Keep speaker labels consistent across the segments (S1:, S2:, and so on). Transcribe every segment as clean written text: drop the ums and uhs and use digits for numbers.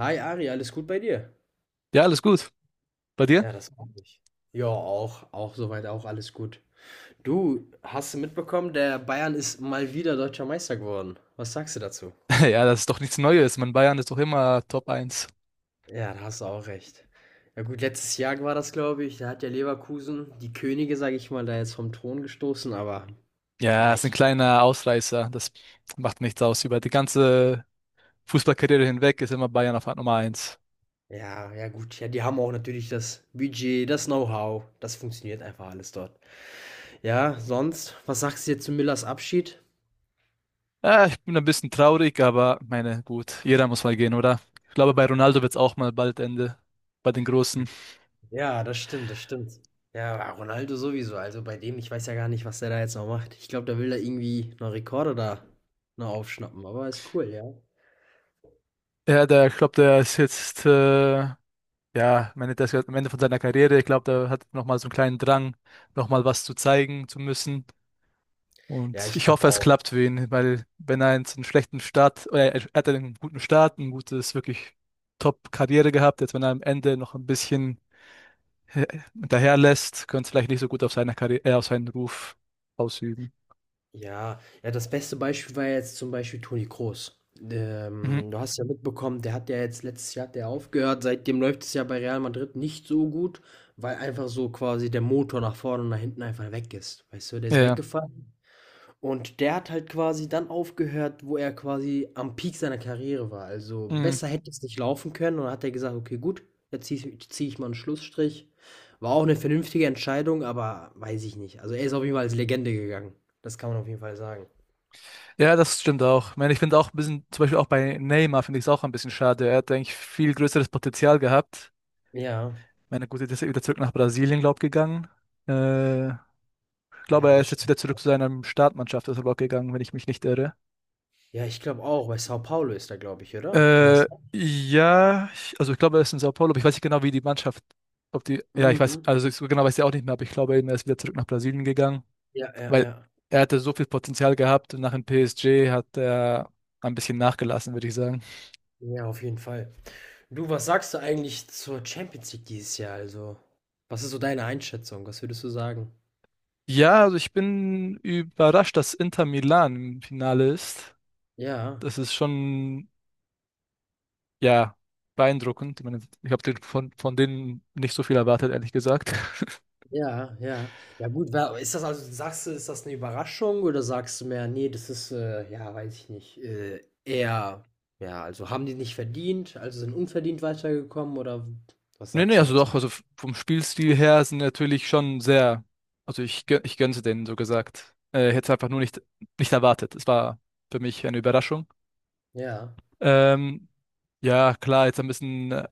S1: Hi Ari, alles gut bei dir?
S2: Ja, alles gut. Bei dir?
S1: Ja, das hoffe ich. Ja, auch soweit auch alles gut. Du, hast du mitbekommen, der Bayern ist mal wieder deutscher Meister geworden. Was sagst du dazu?
S2: Ja, das ist doch nichts Neues. Man, Bayern ist doch immer Top eins.
S1: Ja, da hast du auch recht. Ja gut, letztes Jahr war das, glaube ich. Da hat ja Leverkusen die Könige, sage ich mal, da jetzt vom Thron gestoßen. Aber ja,
S2: Ja, ist ein
S1: ich,
S2: kleiner Ausreißer. Das macht nichts aus. Über die ganze Fußballkarriere hinweg ist immer Bayern auf Nummer eins.
S1: ja, ja gut. Ja, die haben auch natürlich das Budget, das Know-how. Das funktioniert einfach alles dort. Ja, sonst, was sagst du jetzt zu Müllers Abschied?
S2: Ja, ich bin ein bisschen traurig, aber meine, gut, jeder muss mal gehen, oder? Ich glaube, bei Ronaldo wird es auch mal bald Ende. Bei den Großen.
S1: Ja, das stimmt, das stimmt. Ja, Ronaldo sowieso. Also bei dem, ich weiß ja gar nicht, was der da jetzt noch macht. Ich glaube, der will da irgendwie noch Rekorde da noch aufschnappen, aber ist cool, ja.
S2: Ja, der, ich glaube, der ist jetzt, ja, meine, der ist jetzt am Ende von seiner Karriere. Ich glaube, der hat nochmal so einen kleinen Drang, nochmal was zu zeigen zu müssen.
S1: Ja,
S2: Und
S1: ich
S2: ich
S1: glaube
S2: hoffe, es
S1: auch.
S2: klappt für ihn, weil wenn er jetzt einen schlechten Start, oder er hat einen guten Start, ein gutes, wirklich Top-Karriere gehabt, jetzt wenn er am Ende noch ein bisschen äh, hinterherlässt, könnte es vielleicht nicht so gut auf seine Karriere, auf seinen Ruf ausüben.
S1: Ja, ja, das beste Beispiel war jetzt zum Beispiel Toni Kroos.
S2: Mhm.
S1: Du hast ja mitbekommen, der hat ja jetzt letztes Jahr hat der aufgehört. Seitdem läuft es ja bei Real Madrid nicht so gut, weil einfach so quasi der Motor nach vorne und nach hinten einfach weg ist. Weißt du, der
S2: Ja,
S1: ist
S2: ja.
S1: weggefallen. Und der hat halt quasi dann aufgehört, wo er quasi am Peak seiner Karriere war. Also
S2: Mhm.
S1: besser hätte es nicht laufen können. Und dann hat er gesagt, okay, gut, jetzt zieh ich mal einen Schlussstrich. War auch eine vernünftige Entscheidung, aber weiß ich nicht. Also er ist auf jeden Fall als Legende gegangen. Das kann man auf jeden Fall sagen.
S2: Ja, das stimmt auch. Ich meine, ich finde auch ein bisschen, zum Beispiel auch bei Neymar finde ich es auch ein bisschen schade. Er hat eigentlich viel größeres Potenzial gehabt.
S1: Ja,
S2: Ich meine, gut, jetzt ist er wieder zurück nach Brasilien, glaube ich, gegangen. Ich glaube,
S1: ja,
S2: er
S1: das
S2: ist jetzt
S1: stimmt.
S2: wieder zurück zu seiner Startmannschaft, ist aber auch gegangen, wenn ich mich nicht irre.
S1: Ja, ich glaube auch. Bei Sao Paulo ist er, glaube ich, oder? Kann das
S2: Äh,
S1: sein?
S2: ja, ich, also ich glaube, er ist in Sao Paulo, aber ich weiß nicht genau, wie die Mannschaft, ob die, ja, ich weiß,
S1: Mhm.
S2: also so genau weiß ich auch nicht mehr, aber ich glaube, er ist wieder zurück nach Brasilien gegangen,
S1: Ja, ja,
S2: weil
S1: ja.
S2: er hatte so viel Potenzial gehabt und nach dem PSG hat er ein bisschen nachgelassen, würde ich sagen.
S1: Ja, auf jeden Fall. Du, was sagst du eigentlich zur Champions League dieses Jahr? Also, was ist so deine Einschätzung? Was würdest du sagen?
S2: Ja, also ich bin überrascht, dass Inter Milan im Finale ist.
S1: Ja,
S2: Das ist schon, ja, beeindruckend. Ich meine, ich habe von denen nicht so viel erwartet, ehrlich gesagt.
S1: ja, ja. Ja gut, wa ist das also sagst du, ist das eine Überraschung oder sagst du mehr: nee, das ist, ja, weiß ich nicht, eher ja, also haben die nicht verdient, also sind unverdient weitergekommen", oder was
S2: Nee, nee,
S1: sagst du
S2: also
S1: dazu?
S2: doch, also vom Spielstil her sind natürlich schon sehr, also ich gönn's denen, so gesagt. Hätte einfach nur nicht, nicht erwartet. Es war für mich eine Überraschung.
S1: Ja,
S2: Ähm, ja, klar, jetzt ein bisschen,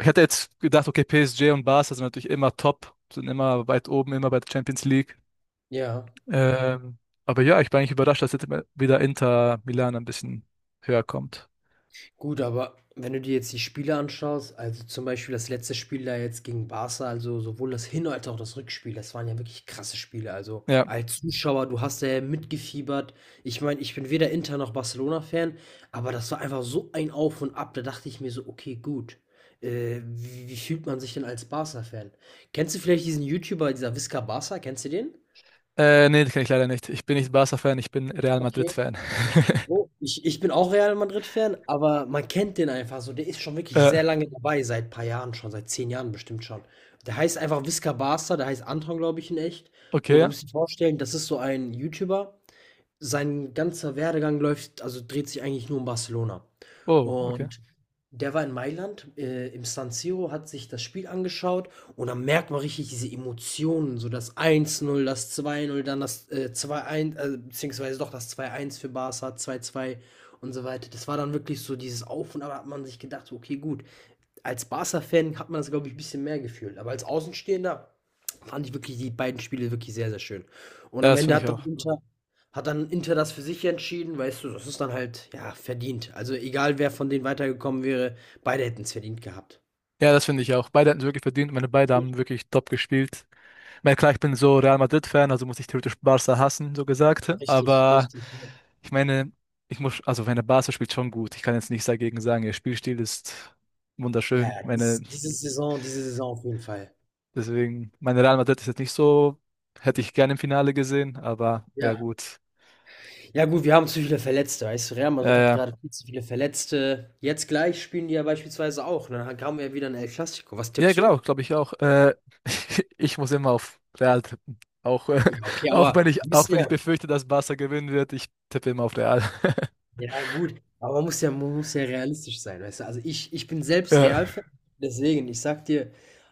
S2: ich hätte jetzt gedacht, okay, PSG und Barca sind natürlich immer top, sind immer weit oben, immer bei der Champions League.
S1: ja.
S2: Ähm, aber ja, ich bin eigentlich überrascht, dass jetzt wieder Inter Milan ein bisschen höher kommt.
S1: Gut, aber wenn du dir jetzt die Spiele anschaust, also zum Beispiel das letzte Spiel da jetzt gegen Barca, also sowohl das Hin- als auch das Rückspiel, das waren ja wirklich krasse Spiele. Also
S2: Ja,
S1: als Zuschauer, du hast ja mitgefiebert. Ich meine, ich bin weder Inter noch Barcelona-Fan, aber das war einfach so ein Auf und Ab, da dachte ich mir so, okay, gut. Wie fühlt man sich denn als Barca-Fan? Kennst du vielleicht diesen YouTuber, dieser Visca Barca? Kennst du den?
S2: nee, das kann ich leider nicht. Ich bin nicht Barca-Fan, ich bin Real
S1: Okay.
S2: Madrid-Fan.
S1: So, ich bin auch Real Madrid-Fan, aber man kennt den einfach so. Der ist schon wirklich
S2: äh,
S1: sehr lange dabei, seit ein paar Jahren schon, seit 10 Jahren bestimmt schon. Der heißt einfach Visca Barca, der heißt Anton, glaube ich, in echt. Und
S2: okay,
S1: du musst dir vorstellen, das ist so ein YouTuber. Sein ganzer Werdegang läuft, also dreht sich eigentlich nur um Barcelona.
S2: oh, okay.
S1: Und der war in Mailand, im San Siro, hat sich das Spiel angeschaut und dann merkt man richtig diese Emotionen, so das eins null, das zwei null, dann das 2-1, beziehungsweise doch das zwei eins für Barca, zwei zwei und so weiter. Das war dann wirklich so dieses Auf und Ab, da hat man sich gedacht, so, okay, gut, als Barca-Fan hat man das, glaube ich, ein bisschen mehr gefühlt. Aber als Außenstehender fand ich wirklich die beiden Spiele wirklich sehr, sehr schön. Und
S2: Ja,
S1: am
S2: das
S1: Ende
S2: finde ich
S1: hat dann
S2: auch.
S1: Inter, hat dann Inter das für sich entschieden, weißt du, das ist dann halt, ja, verdient. Also egal, wer von denen weitergekommen wäre, beide hätten es verdient gehabt.
S2: Ja, das finde ich auch. Beide hatten es wirklich verdient. Meine beide haben wirklich top gespielt. Ich meine, klar, ich bin so Real Madrid-Fan, also muss ich theoretisch Barca hassen, so gesagt.
S1: Richtig,
S2: Aber
S1: richtig.
S2: ich meine, ich muss, also meine Barca spielt schon gut. Ich kann jetzt nichts dagegen sagen. Ihr Spielstil ist
S1: Ja,
S2: wunderschön.
S1: ja,
S2: Meine,
S1: diese Saison auf jeden Fall.
S2: deswegen, meine Real Madrid ist jetzt nicht so, hätte ich gerne im Finale gesehen, aber ja
S1: Ja,
S2: gut.
S1: ja gut, wir haben zu viele Verletzte, weißt du, Real
S2: Ja,
S1: Madrid hat
S2: ja.
S1: gerade viel zu viele Verletzte. Jetzt gleich spielen die ja beispielsweise auch. Ne? Dann haben wir ja wieder ein El Clasico. Was
S2: Ja,
S1: tippst
S2: genau,
S1: du?
S2: glaube ich auch. Ich muss immer auf Real tippen. Auch,
S1: Ja, okay,
S2: auch wenn
S1: aber du
S2: ich,
S1: bist
S2: auch wenn ich
S1: ja
S2: befürchte, dass Barca gewinnen wird, ich tippe immer auf Real.
S1: ja gut, aber man muss ja realistisch sein, weißt du? Also, ich bin selbst
S2: Ja.
S1: Real-Fan, deswegen, ich sag dir,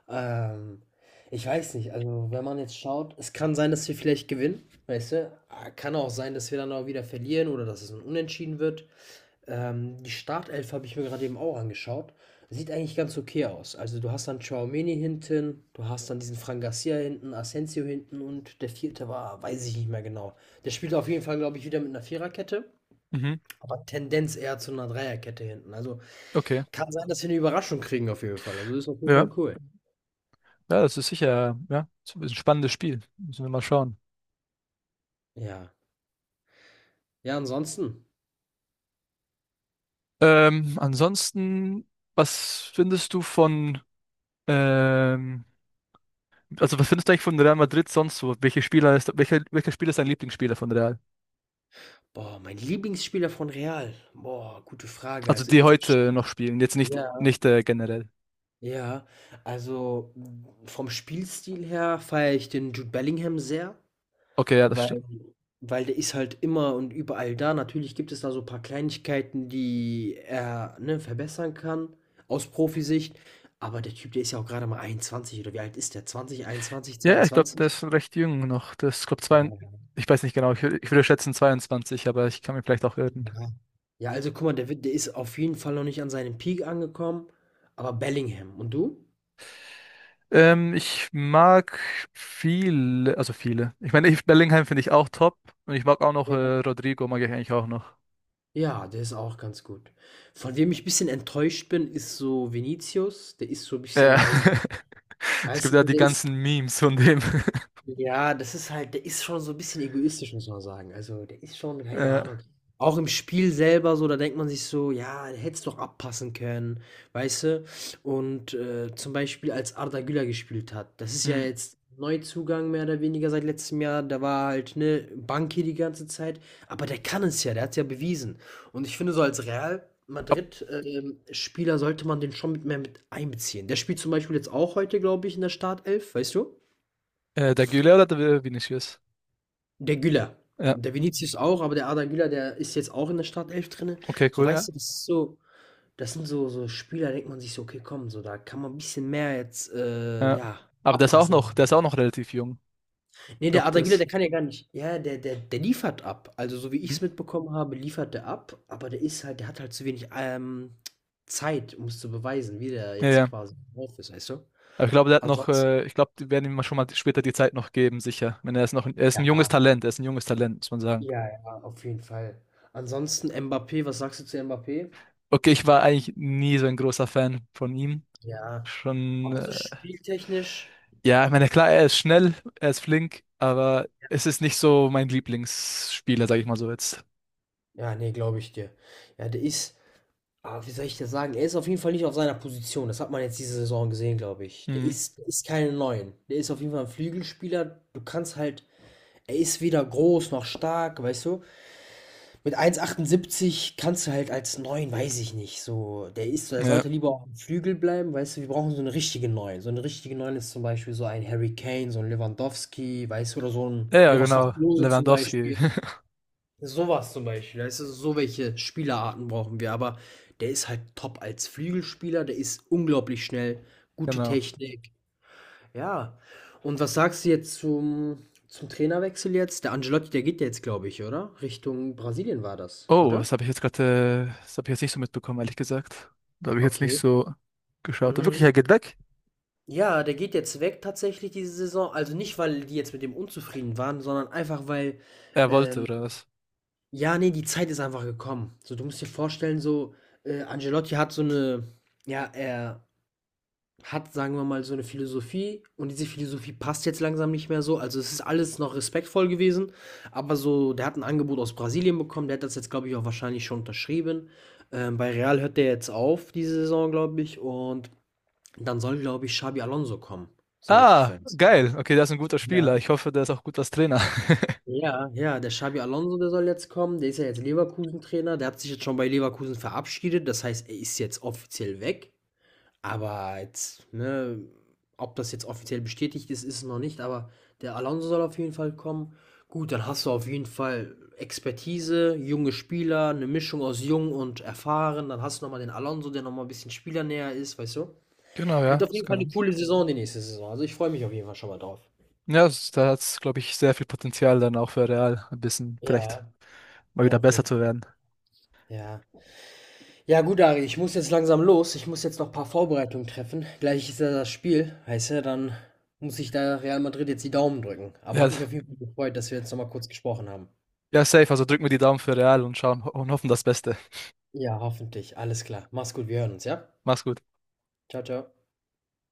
S1: ähm, ich weiß nicht, also, wenn man jetzt schaut, es kann sein, dass wir vielleicht gewinnen, weißt du? Ah, kann auch sein, dass wir dann auch wieder verlieren oder dass es ein Unentschieden wird. Die Startelf habe ich mir gerade eben auch angeschaut. Sieht eigentlich ganz okay aus. Also du hast dann Tchouaméni hinten, du hast dann diesen Fran Garcia hinten, Asensio hinten und der vierte war, weiß ich nicht mehr genau. Der spielt auf jeden Fall, glaube ich, wieder mit einer Viererkette,
S2: Mhm.
S1: aber Tendenz eher zu einer Dreierkette hinten. Also
S2: Okay.
S1: kann sein, dass wir eine Überraschung kriegen auf jeden Fall. Also ist auf jeden Fall
S2: Ja.
S1: cool.
S2: Ja, das ist sicher, ja, ist ein spannendes Spiel. Müssen wir mal schauen.
S1: Ja. Ja, ansonsten.
S2: Ansonsten, was findest du von, ähm, also was findest du eigentlich von Real Madrid sonst so? Welche Spieler ist, welcher Spieler ist dein Lieblingsspieler von Real?
S1: Boah, mein Lieblingsspieler von Real. Boah, gute Frage.
S2: Also
S1: Also,
S2: die
S1: ihr-
S2: heute noch spielen, jetzt nicht,
S1: ja,
S2: nicht generell.
S1: ja, also m, vom Spielstil her feiere ich den Jude Bellingham sehr,
S2: Okay, ja, das stimmt.
S1: weil, weil der ist halt immer und überall da. Natürlich gibt es da so ein paar Kleinigkeiten, die er, ne, verbessern kann aus Profisicht. Aber der Typ, der ist ja auch gerade mal 21, oder wie alt ist der? 20, 21,
S2: Ja, ich glaube, der
S1: 22?
S2: ist recht jung noch. Das ist, glaube zwei,
S1: Ja,
S2: ich weiß nicht genau, ich würde schätzen 22, aber ich kann mich vielleicht auch irren.
S1: ja. Ja, also guck mal, der, wird- der ist auf jeden Fall noch nicht an seinem Peak angekommen, aber Bellingham. Und du?
S2: Ich mag viele, also viele. Ich meine, ich, Bellingham finde ich auch top und ich mag auch noch
S1: Ja.
S2: Rodrigo, mag ich eigentlich auch noch.
S1: Ja, der ist auch ganz gut. Von wem ich ein bisschen enttäuscht bin, ist so Vinicius. Der ist so ein
S2: Ja.
S1: bisschen, weiß ich nicht,
S2: Es
S1: weißt
S2: gibt ja
S1: du,
S2: die
S1: der ist
S2: ganzen Memes von dem.
S1: ja, das ist halt der ist schon so ein bisschen egoistisch, muss man sagen. Also, der ist schon keine
S2: Äh,
S1: Ahnung. Auch im Spiel selber so, da denkt man sich so: „Ja, der hätte es doch abpassen können", weißt du? Und, zum Beispiel, als Arda Güler gespielt hat, das ist ja
S2: Mh.
S1: jetzt Neuzugang mehr oder weniger seit letztem Jahr. Der war halt, ne, Bank hier die ganze Zeit, aber der kann es ja, der hat es ja bewiesen. Und ich finde, so als Real
S2: Ob,
S1: Madrid, Spieler sollte man den schon mit mehr mit einbeziehen. Der spielt zum Beispiel jetzt auch heute, glaube ich, in der Startelf, weißt du?
S2: der Güler oder der Vinicius?
S1: Der Güler.
S2: Ja,
S1: Der Vinicius auch, aber der Arda Güler, der ist jetzt auch in der Startelf drin.
S2: okay,
S1: So,
S2: cool, ja.
S1: weißt du, das ist so, das sind so, so Spieler, denkt man sich so, okay, komm, so, da kann man ein bisschen mehr jetzt,
S2: Ja.
S1: ja,
S2: Aber der ist auch noch, der ist auch
S1: abpassen.
S2: noch relativ jung. Ich
S1: Nee, der
S2: glaube,
S1: Arda Güler,
S2: das.
S1: der kann ja gar nicht. Ja, der liefert ab. Also, so wie ich
S2: Mhm.
S1: es mitbekommen habe, liefert der ab, aber der ist halt, der hat halt zu wenig, Zeit, um es zu beweisen, wie der
S2: Ja,
S1: jetzt
S2: ja.
S1: quasi drauf ist, weißt du?
S2: Aber ich glaube, der hat noch,
S1: Ansonsten,
S2: ich glaube, die werden ihm mal schon mal später die Zeit noch geben, sicher. Wenn er ist noch, er ist ein junges
S1: ja,
S2: Talent, er ist ein junges Talent, muss man sagen.
S1: ja, ja, auf jeden Fall. Ansonsten Mbappé, was sagst du zu Mbappé?
S2: Okay, ich war eigentlich nie so ein großer Fan von ihm.
S1: Ja,
S2: Schon,
S1: aber so spieltechnisch,
S2: ja, ich meine, klar, er ist schnell, er ist flink, aber es ist nicht so mein Lieblingsspieler, sage ich mal so jetzt.
S1: ja, ne, glaube ich dir. Ja, der ist, ah, wie soll ich das sagen? Er ist auf jeden Fall nicht auf seiner Position. Das hat man jetzt diese Saison gesehen, glaube ich. Der
S2: Mhm.
S1: ist, der ist keine Neun. Der ist auf jeden Fall ein Flügelspieler. Du kannst halt, er ist weder groß noch stark, weißt du? Mit 1,78 kannst du halt als Neun, weiß ich nicht, so. Der ist, der sollte
S2: Ja.
S1: lieber auf dem Flügel bleiben, weißt du? Wir brauchen so einen richtigen Neun. So einen richtigen Neun ist zum Beispiel so ein Harry Kane, so ein Lewandowski, weißt du, oder so ein
S2: Ja, ja,
S1: Miroslav
S2: genau.
S1: Klose zum
S2: Lewandowski.
S1: Beispiel. Sowas zum Beispiel, weißt du, so welche Spielerarten brauchen wir, aber der ist halt top als Flügelspieler, der ist unglaublich schnell, gute
S2: Genau.
S1: Technik. Ja. Und was sagst du jetzt zum, zum Trainerwechsel jetzt? Der Ancelotti, der geht ja jetzt, glaube ich, oder? Richtung Brasilien war das,
S2: Oh,
S1: oder?
S2: das habe ich jetzt gerade, das habe ich jetzt nicht so mitbekommen, ehrlich gesagt. Da habe ich jetzt nicht
S1: Okay.
S2: so geschaut. Wirklich,
S1: Mhm.
S2: er geht weg?
S1: Ja, der geht jetzt weg tatsächlich diese Saison. Also nicht, weil die jetzt mit dem unzufrieden waren, sondern einfach, weil
S2: Er wollte,
S1: ähm,
S2: oder was?
S1: ja, ne, die Zeit ist einfach gekommen. So, du musst dir vorstellen, so, Ancelotti hat so eine, ja, er hat, sagen wir mal, so eine Philosophie, und diese Philosophie passt jetzt langsam nicht mehr so. Also, es ist alles noch respektvoll gewesen, aber so der hat ein Angebot aus Brasilien bekommen, der hat das jetzt, glaube ich, auch wahrscheinlich schon unterschrieben. Bei Real hört der jetzt auf diese Saison, glaube ich, und dann soll, glaube ich, Xabi Alonso kommen, soweit ich
S2: Ah,
S1: weiß.
S2: geil. Okay, der ist ein guter
S1: Ja.
S2: Spieler. Ich hoffe, der ist auch gut als Trainer.
S1: Ja, ja, der Xabi Alonso, der soll jetzt kommen. Der ist ja jetzt Leverkusen-Trainer. Der hat sich jetzt schon bei Leverkusen verabschiedet. Das heißt, er ist jetzt offiziell weg. Aber jetzt, ne, ob das jetzt offiziell bestätigt ist, ist es noch nicht. Aber der Alonso soll auf jeden Fall kommen. Gut, dann hast du auf jeden Fall Expertise, junge Spieler, eine Mischung aus jung und erfahren. Dann hast du nochmal den Alonso, der nochmal ein bisschen spielernäher ist, weißt du?
S2: Genau, ja.
S1: Wird auf
S2: Das
S1: jeden Fall eine
S2: kann.
S1: coole Saison die nächste Saison. Also ich freue mich auf jeden Fall schon mal drauf.
S2: Ja, das, da hat es, glaube ich, sehr viel Potenzial dann auch für Real, ein bisschen vielleicht
S1: Ja,
S2: mal
S1: ja,
S2: wieder
S1: auf
S2: besser
S1: jeden
S2: zu
S1: Fall.
S2: werden.
S1: Ja. Ja gut, Ari, ich muss jetzt langsam los. Ich muss jetzt noch ein paar Vorbereitungen treffen. Gleich ist ja das Spiel, weißt du, dann muss ich da Real Madrid jetzt die Daumen drücken. Aber
S2: Ja,
S1: hat mich auf jeden Fall gefreut, dass wir jetzt nochmal kurz gesprochen haben.
S2: ja, safe. Also drück mir die Daumen für Real und schauen und hoffen das Beste.
S1: Ja, hoffentlich. Alles klar. Mach's gut, wir hören uns, ja?
S2: Mach's gut.
S1: Ciao, ciao.